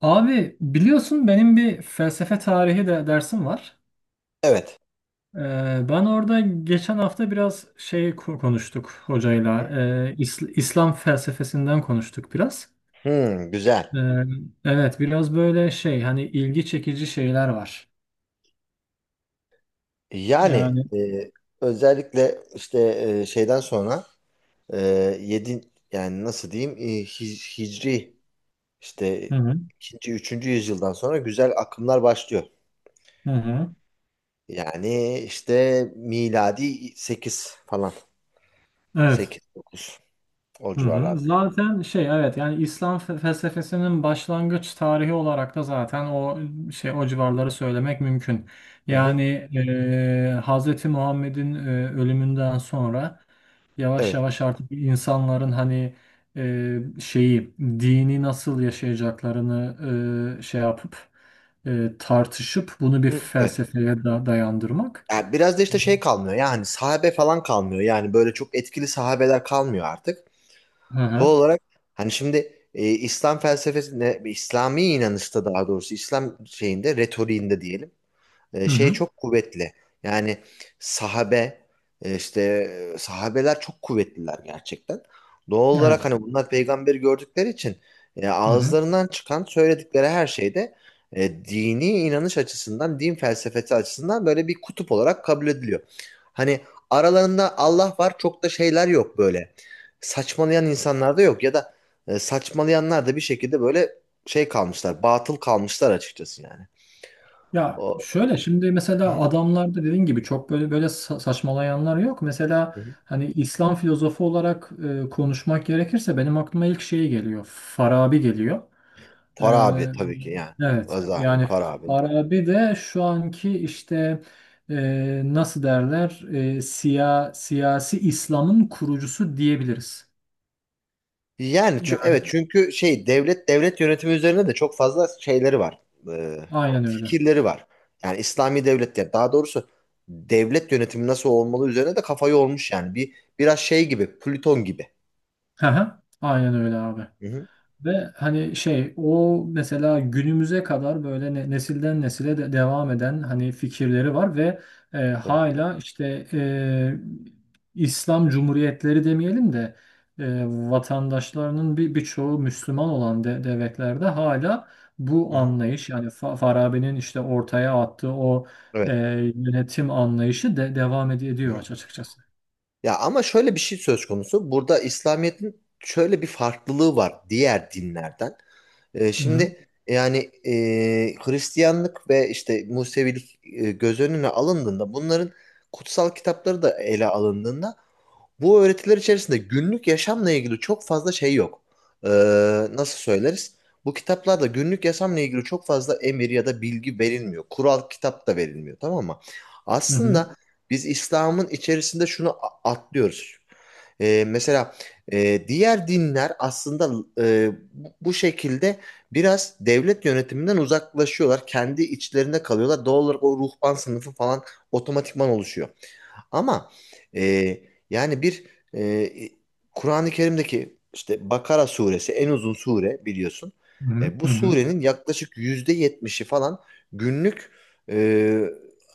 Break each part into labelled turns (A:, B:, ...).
A: Abi biliyorsun benim bir felsefe tarihi de dersim var.
B: Evet.
A: Ee, ben orada geçen hafta biraz şey konuştuk hocayla. İslam felsefesinden konuştuk biraz.
B: Hmm, güzel.
A: Ee, evet biraz böyle şey hani ilgi çekici şeyler var.
B: Yani
A: Yani
B: özellikle işte şeyden sonra e, yedi yani nasıl diyeyim hicri işte
A: hı hı,
B: ikinci üçüncü yüzyıldan sonra güzel akımlar başlıyor.
A: hı hı.
B: Yani işte miladi 8 falan
A: Evet.
B: sekiz dokuz o
A: Hı hı.
B: civarlarda.
A: Zaten şey evet yani İslam felsefesinin başlangıç tarihi olarak da zaten o şey o civarları söylemek mümkün.
B: Hı hı.
A: Yani Hz. Muhammed'in ölümünden sonra yavaş
B: Evet.
A: yavaş artık insanların hani şeyi dini nasıl yaşayacaklarını şey yapıp tartışıp bunu bir
B: Hı, evet.
A: felsefeye da dayandırmak.
B: Yani biraz da işte şey kalmıyor yani sahabe falan kalmıyor yani böyle çok etkili sahabeler kalmıyor artık.
A: Hı
B: Doğal
A: hı.
B: olarak hani şimdi İslam felsefesinde, İslami inanışta daha doğrusu İslam şeyinde, retoriğinde diyelim. E,
A: Hı
B: şey
A: hı.
B: çok kuvvetli. Yani sahabe e, işte sahabeler çok kuvvetliler gerçekten. Doğal olarak
A: Evet.
B: hani bunlar peygamberi gördükleri için
A: Hı hı.
B: ağızlarından çıkan söyledikleri her şeyde dini inanış açısından, din felsefesi açısından böyle bir kutup olarak kabul ediliyor. Hani aralarında Allah var çok da şeyler yok böyle. Saçmalayan insanlar da yok ya da saçmalayanlar da bir şekilde böyle şey kalmışlar, batıl kalmışlar açıkçası yani.
A: Ya
B: O...
A: şöyle şimdi mesela
B: Hı
A: adamlarda dediğin gibi çok böyle saçmalayanlar yok. Mesela
B: hı.
A: hani İslam filozofu olarak konuşmak gerekirse benim aklıma ilk şey geliyor. Farabi geliyor. E,
B: Para abi tabii ki yani.
A: evet
B: Azali,
A: yani
B: para abi.
A: Farabi de şu anki işte nasıl derler siyasi İslam'ın kurucusu diyebiliriz.
B: Yani
A: Yani
B: evet çünkü şey devlet yönetimi üzerine de çok fazla şeyleri var. Ee,
A: aynen öyle.
B: Fikirleri var. Yani İslami devlet ya daha doğrusu devlet yönetimi nasıl olmalı üzerine de kafayı olmuş yani. Biraz şey gibi, Plüton gibi.
A: Hı hı, aynen öyle abi.
B: Hı hı.
A: Ve hani şey o mesela günümüze kadar böyle nesilden nesile de devam eden hani fikirleri var ve
B: Tabii.
A: hala işte İslam cumhuriyetleri demeyelim de vatandaşlarının birçoğu Müslüman olan de, devletlerde hala bu
B: Hı hı.
A: anlayış yani Farabi'nin işte ortaya attığı o e,
B: Evet.
A: yönetim anlayışı de
B: Hı
A: ediyor
B: hı.
A: açıkçası.
B: Ya ama şöyle bir şey söz konusu. Burada İslamiyet'in şöyle bir farklılığı var diğer dinlerden.
A: Hı
B: Şimdi yani e, Hristiyanlık ve işte Musevilik göz önüne alındığında bunların kutsal kitapları da ele alındığında bu öğretiler içerisinde günlük yaşamla ilgili çok fazla şey yok. Ee, Nasıl söyleriz? Bu kitaplarda günlük yaşamla ilgili çok fazla emir ya da bilgi verilmiyor. Kural kitap da verilmiyor, tamam mı?
A: hı hı
B: Aslında biz İslam'ın içerisinde şunu atlıyoruz. Mesela diğer dinler aslında bu şekilde biraz devlet yönetiminden uzaklaşıyorlar. Kendi içlerinde kalıyorlar. Doğal olarak o ruhban sınıfı falan otomatikman oluşuyor. Ama e, yani bir e, e, Kur'an-ı Kerim'deki işte Bakara suresi en uzun sure biliyorsun.
A: hı
B: Bu
A: hı hı. Hı.
B: surenin yaklaşık %70'i falan günlük e,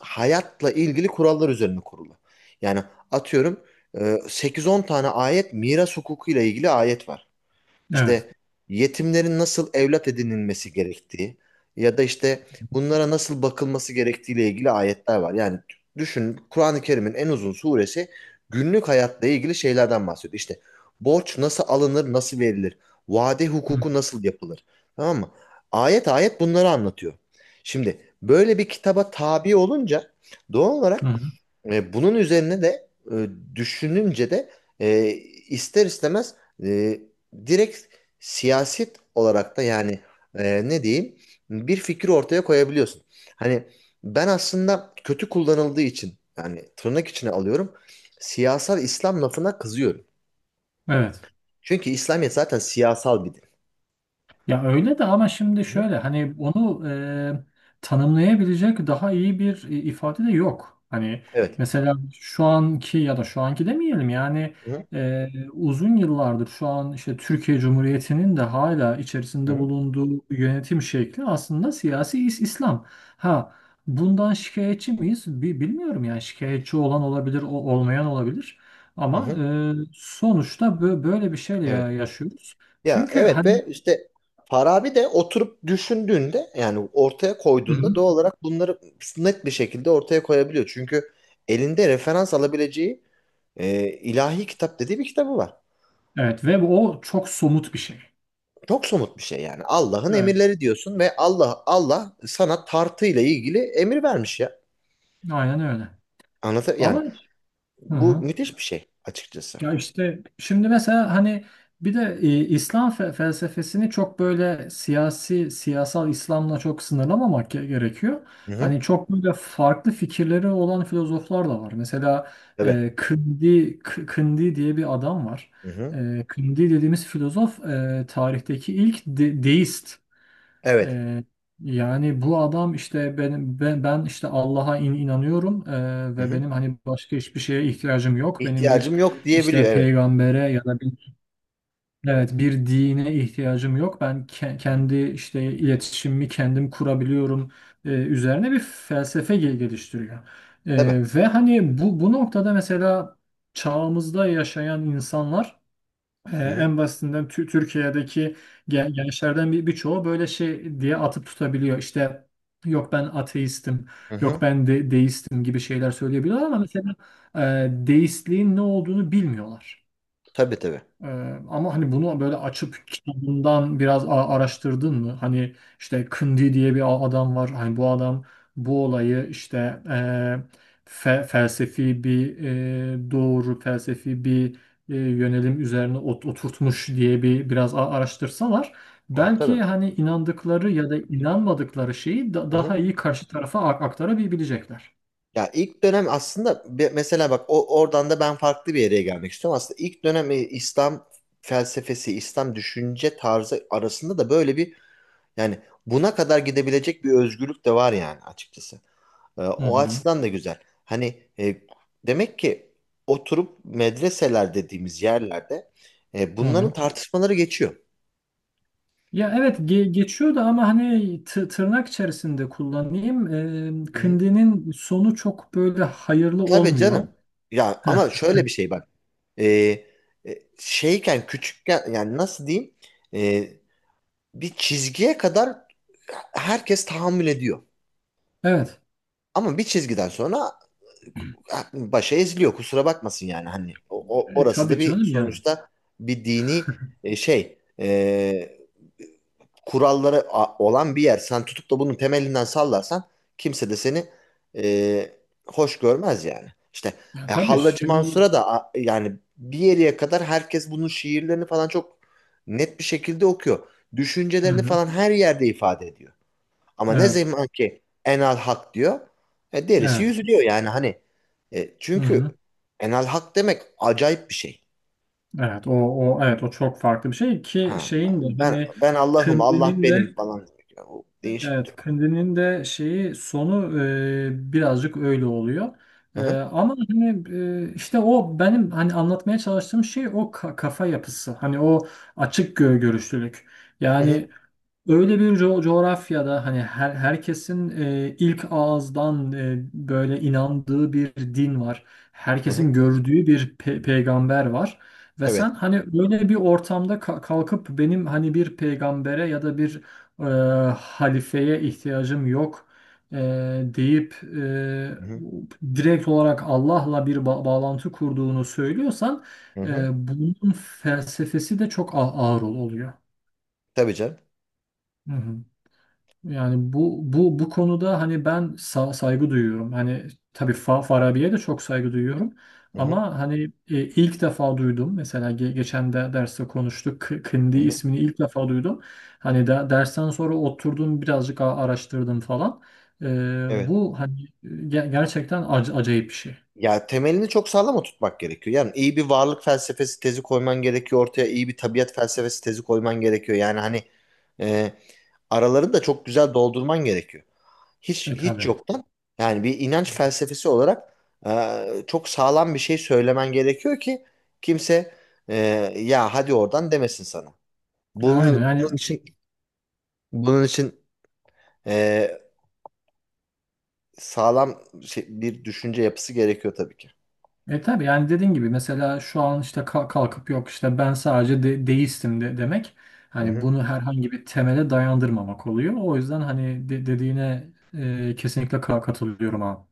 B: hayatla ilgili kurallar üzerine kurulu. Yani atıyorum e, 8-10 tane ayet miras hukukuyla ilgili ayet var.
A: Evet.
B: İşte yetimlerin nasıl evlat edinilmesi gerektiği ya da işte bunlara nasıl bakılması gerektiğiyle ilgili ayetler var. Yani düşün Kur'an-ı Kerim'in en uzun suresi günlük hayatla ilgili şeylerden bahsediyor. İşte borç nasıl alınır, nasıl verilir, vade
A: Hı
B: hukuku nasıl yapılır. Tamam mı? Ayet ayet bunları anlatıyor. Şimdi böyle bir kitaba tabi olunca doğal olarak
A: hı.
B: bunun üzerine de düşününce de e, ister istemez e, direkt siyaset olarak da yani ne diyeyim bir fikri ortaya koyabiliyorsun. Hani ben aslında kötü kullanıldığı için yani tırnak içine alıyorum siyasal İslam lafına kızıyorum.
A: Evet.
B: Çünkü İslamiyet zaten siyasal bir din.
A: Ya öyle de ama şimdi
B: Hı hı.
A: şöyle hani onu tanımlayabilecek daha iyi bir ifade de yok. Hani
B: Evet.
A: mesela şu anki ya da şu anki demeyelim yani
B: Hı hı.
A: e, uzun yıllardır şu an işte Türkiye Cumhuriyeti'nin de hala
B: Hı
A: içerisinde
B: hı.
A: bulunduğu yönetim şekli aslında siyasi İslam. Ha bundan şikayetçi miyiz? Bilmiyorum yani şikayetçi olan olabilir, olmayan olabilir.
B: Hı
A: Ama
B: hı.
A: sonuçta böyle bir şeyle
B: Evet.
A: yaşıyoruz.
B: Ya
A: Çünkü
B: evet
A: hani
B: ve işte Farabi de oturup düşündüğünde yani ortaya
A: hı
B: koyduğunda
A: hı.
B: doğal olarak bunları net bir şekilde ortaya koyabiliyor. Çünkü elinde referans alabileceği ilahi kitap dediği bir kitabı var.
A: Evet ve o çok somut bir şey.
B: Çok somut bir şey yani. Allah'ın
A: Evet,
B: emirleri diyorsun ve Allah sana tartıyla ilgili emir vermiş ya.
A: aynen öyle.
B: Anlatır yani
A: Ama hı
B: bu
A: hı.
B: müthiş bir şey açıkçası.
A: Ya işte şimdi mesela hani bir de İslam felsefesini çok böyle siyasi siyasal İslam'la çok sınırlamamak gerekiyor.
B: Hı hı.
A: Hani çok böyle farklı fikirleri olan filozoflar da var. Mesela
B: Tabii.
A: Kindi diye bir adam var.
B: Hı hı.
A: E, Kindi dediğimiz filozof tarihteki ilk deist.
B: Evet.
A: Ee, yani bu adam işte benim ben işte Allah'a inanıyorum
B: Hı
A: ve
B: hı.
A: benim hani başka hiçbir şeye ihtiyacım yok. Benim bir
B: İhtiyacım yok
A: işte
B: diyebiliyor evet.
A: peygambere ya da bir evet bir dine ihtiyacım yok. Ben
B: Hı hı.
A: kendi işte iletişimimi kendim kurabiliyorum üzerine bir felsefe geliştiriyor.
B: Tabii.
A: Ve hani bu noktada mesela çağımızda yaşayan insanlar
B: Hı hı.
A: en basitinden Türkiye'deki gençlerden birçoğu böyle şey diye atıp tutabiliyor. İşte yok ben ateistim,
B: Hı
A: yok
B: hı.
A: ben de deistim gibi şeyler söyleyebiliyorlar ama mesela deistliğin ne olduğunu bilmiyorlar.
B: Tabii tabii.
A: Ee, ama hani bunu böyle açıp kitabından biraz araştırdın mı? Hani işte Kindi diye bir adam var. Hani bu adam bu olayı işte e, felsefi bir felsefi bir yönelim üzerine oturtmuş diye bir biraz araştırsalar belki
B: Tabii.
A: hani inandıkları ya da inanmadıkları şeyi
B: Hı
A: daha
B: hı.
A: iyi karşı tarafa aktarabilecekler.
B: Ya ilk dönem aslında mesela bak o oradan da ben farklı bir yere gelmek istiyorum. Aslında ilk dönem İslam felsefesi, İslam düşünce tarzı arasında da böyle bir yani buna kadar gidebilecek bir özgürlük de var yani açıkçası.
A: Hı
B: O
A: hı.
B: açıdan da güzel. Hani demek ki oturup medreseler dediğimiz yerlerde
A: Hı
B: bunların
A: hı.
B: tartışmaları geçiyor.
A: Ya evet geçiyor ama hani tırnak içerisinde kullanayım. Kındi'nin sonu çok böyle hayırlı
B: Tabii
A: olmuyor.
B: canım. Ya
A: Heh,
B: ama şöyle bir şey bak. Ee, Şeyken küçükken yani nasıl diyeyim? Ee, Bir çizgiye kadar herkes tahammül ediyor.
A: evet.
B: Ama bir çizgiden sonra başa eziliyor kusura bakmasın yani hani
A: E,
B: orası da
A: tabii
B: bir
A: canım yani.
B: sonuçta bir dini e, şey e, kuralları olan bir yer sen tutup da bunun temelinden sallarsan kimse de seni e, hoş görmez yani işte
A: Ya tabii
B: Hallacı
A: şimdi.
B: Mansur'a da yani bir yere kadar herkes bunun şiirlerini falan çok net bir şekilde okuyor düşüncelerini
A: Hı-hı.
B: falan her yerde ifade ediyor. Ama ne
A: Evet.
B: zaman ki Enal Hak diyor, derisi
A: Evet.
B: yüzülüyor yani hani.
A: Hı-hı.
B: Çünkü Enal Hak demek acayip bir şey.
A: Evet. O, o evet o çok farklı bir şey ki
B: Ha,
A: şeyin de
B: ben
A: hani
B: ben Allah'ım, Allah
A: Kındi'nin
B: benim
A: de
B: falan demek. Yani o değişik bir
A: evet,
B: durum.
A: Kundinin de şeyi sonu birazcık öyle oluyor.
B: Hı hı,
A: Ama hani işte o benim hani anlatmaya çalıştığım şey o kafa yapısı. Hani o açık görüşlülük.
B: hı hı,
A: Yani öyle bir coğrafyada hani herkesin ilk ağızdan böyle inandığı bir din var.
B: hı hı.
A: Herkesin gördüğü bir peygamber var. Ve sen
B: Evet.
A: hani öyle bir ortamda kalkıp benim hani bir peygambere ya da bir e, halifeye ihtiyacım yok, e, deyip
B: Hı hı,
A: direkt olarak Allah'la bir bağlantı kurduğunu söylüyorsan
B: hı hı.
A: bunun felsefesi de çok ağır oluyor.
B: Tabii canım.
A: Hı hı. Yani bu konuda hani ben saygı duyuyorum. Hani tabii Farabi'ye de çok saygı duyuyorum.
B: Hı hı,
A: Ama hani ilk defa duydum. Mesela geçen de derste konuştuk. Kindi
B: hı hı.
A: ismini ilk defa duydum. Hani de dersten sonra oturdum birazcık araştırdım falan. E,
B: Evet.
A: bu hani gerçekten acayip bir şey.
B: Ya temelini çok sağlam oturtmak gerekiyor. Yani iyi bir varlık felsefesi tezi koyman gerekiyor ortaya, iyi bir tabiat felsefesi tezi koyman gerekiyor. Yani hani e, aralarını da çok güzel doldurman gerekiyor. hiç
A: E
B: hiç
A: tabii.
B: yoktan yani bir inanç felsefesi olarak çok sağlam bir şey söylemen gerekiyor ki kimse e, ya hadi oradan demesin sana.
A: E, aynen
B: Bunun,
A: yani
B: bunun için bunun için e, sağlam bir düşünce yapısı gerekiyor tabii ki.
A: E tabii yani dediğin gibi mesela şu an işte kalkıp yok işte ben sadece de deistim de demek
B: Hı
A: hani
B: hı.
A: bunu herhangi bir temele dayandırmamak oluyor. O yüzden hani dediğine kesinlikle katılıyorum abi.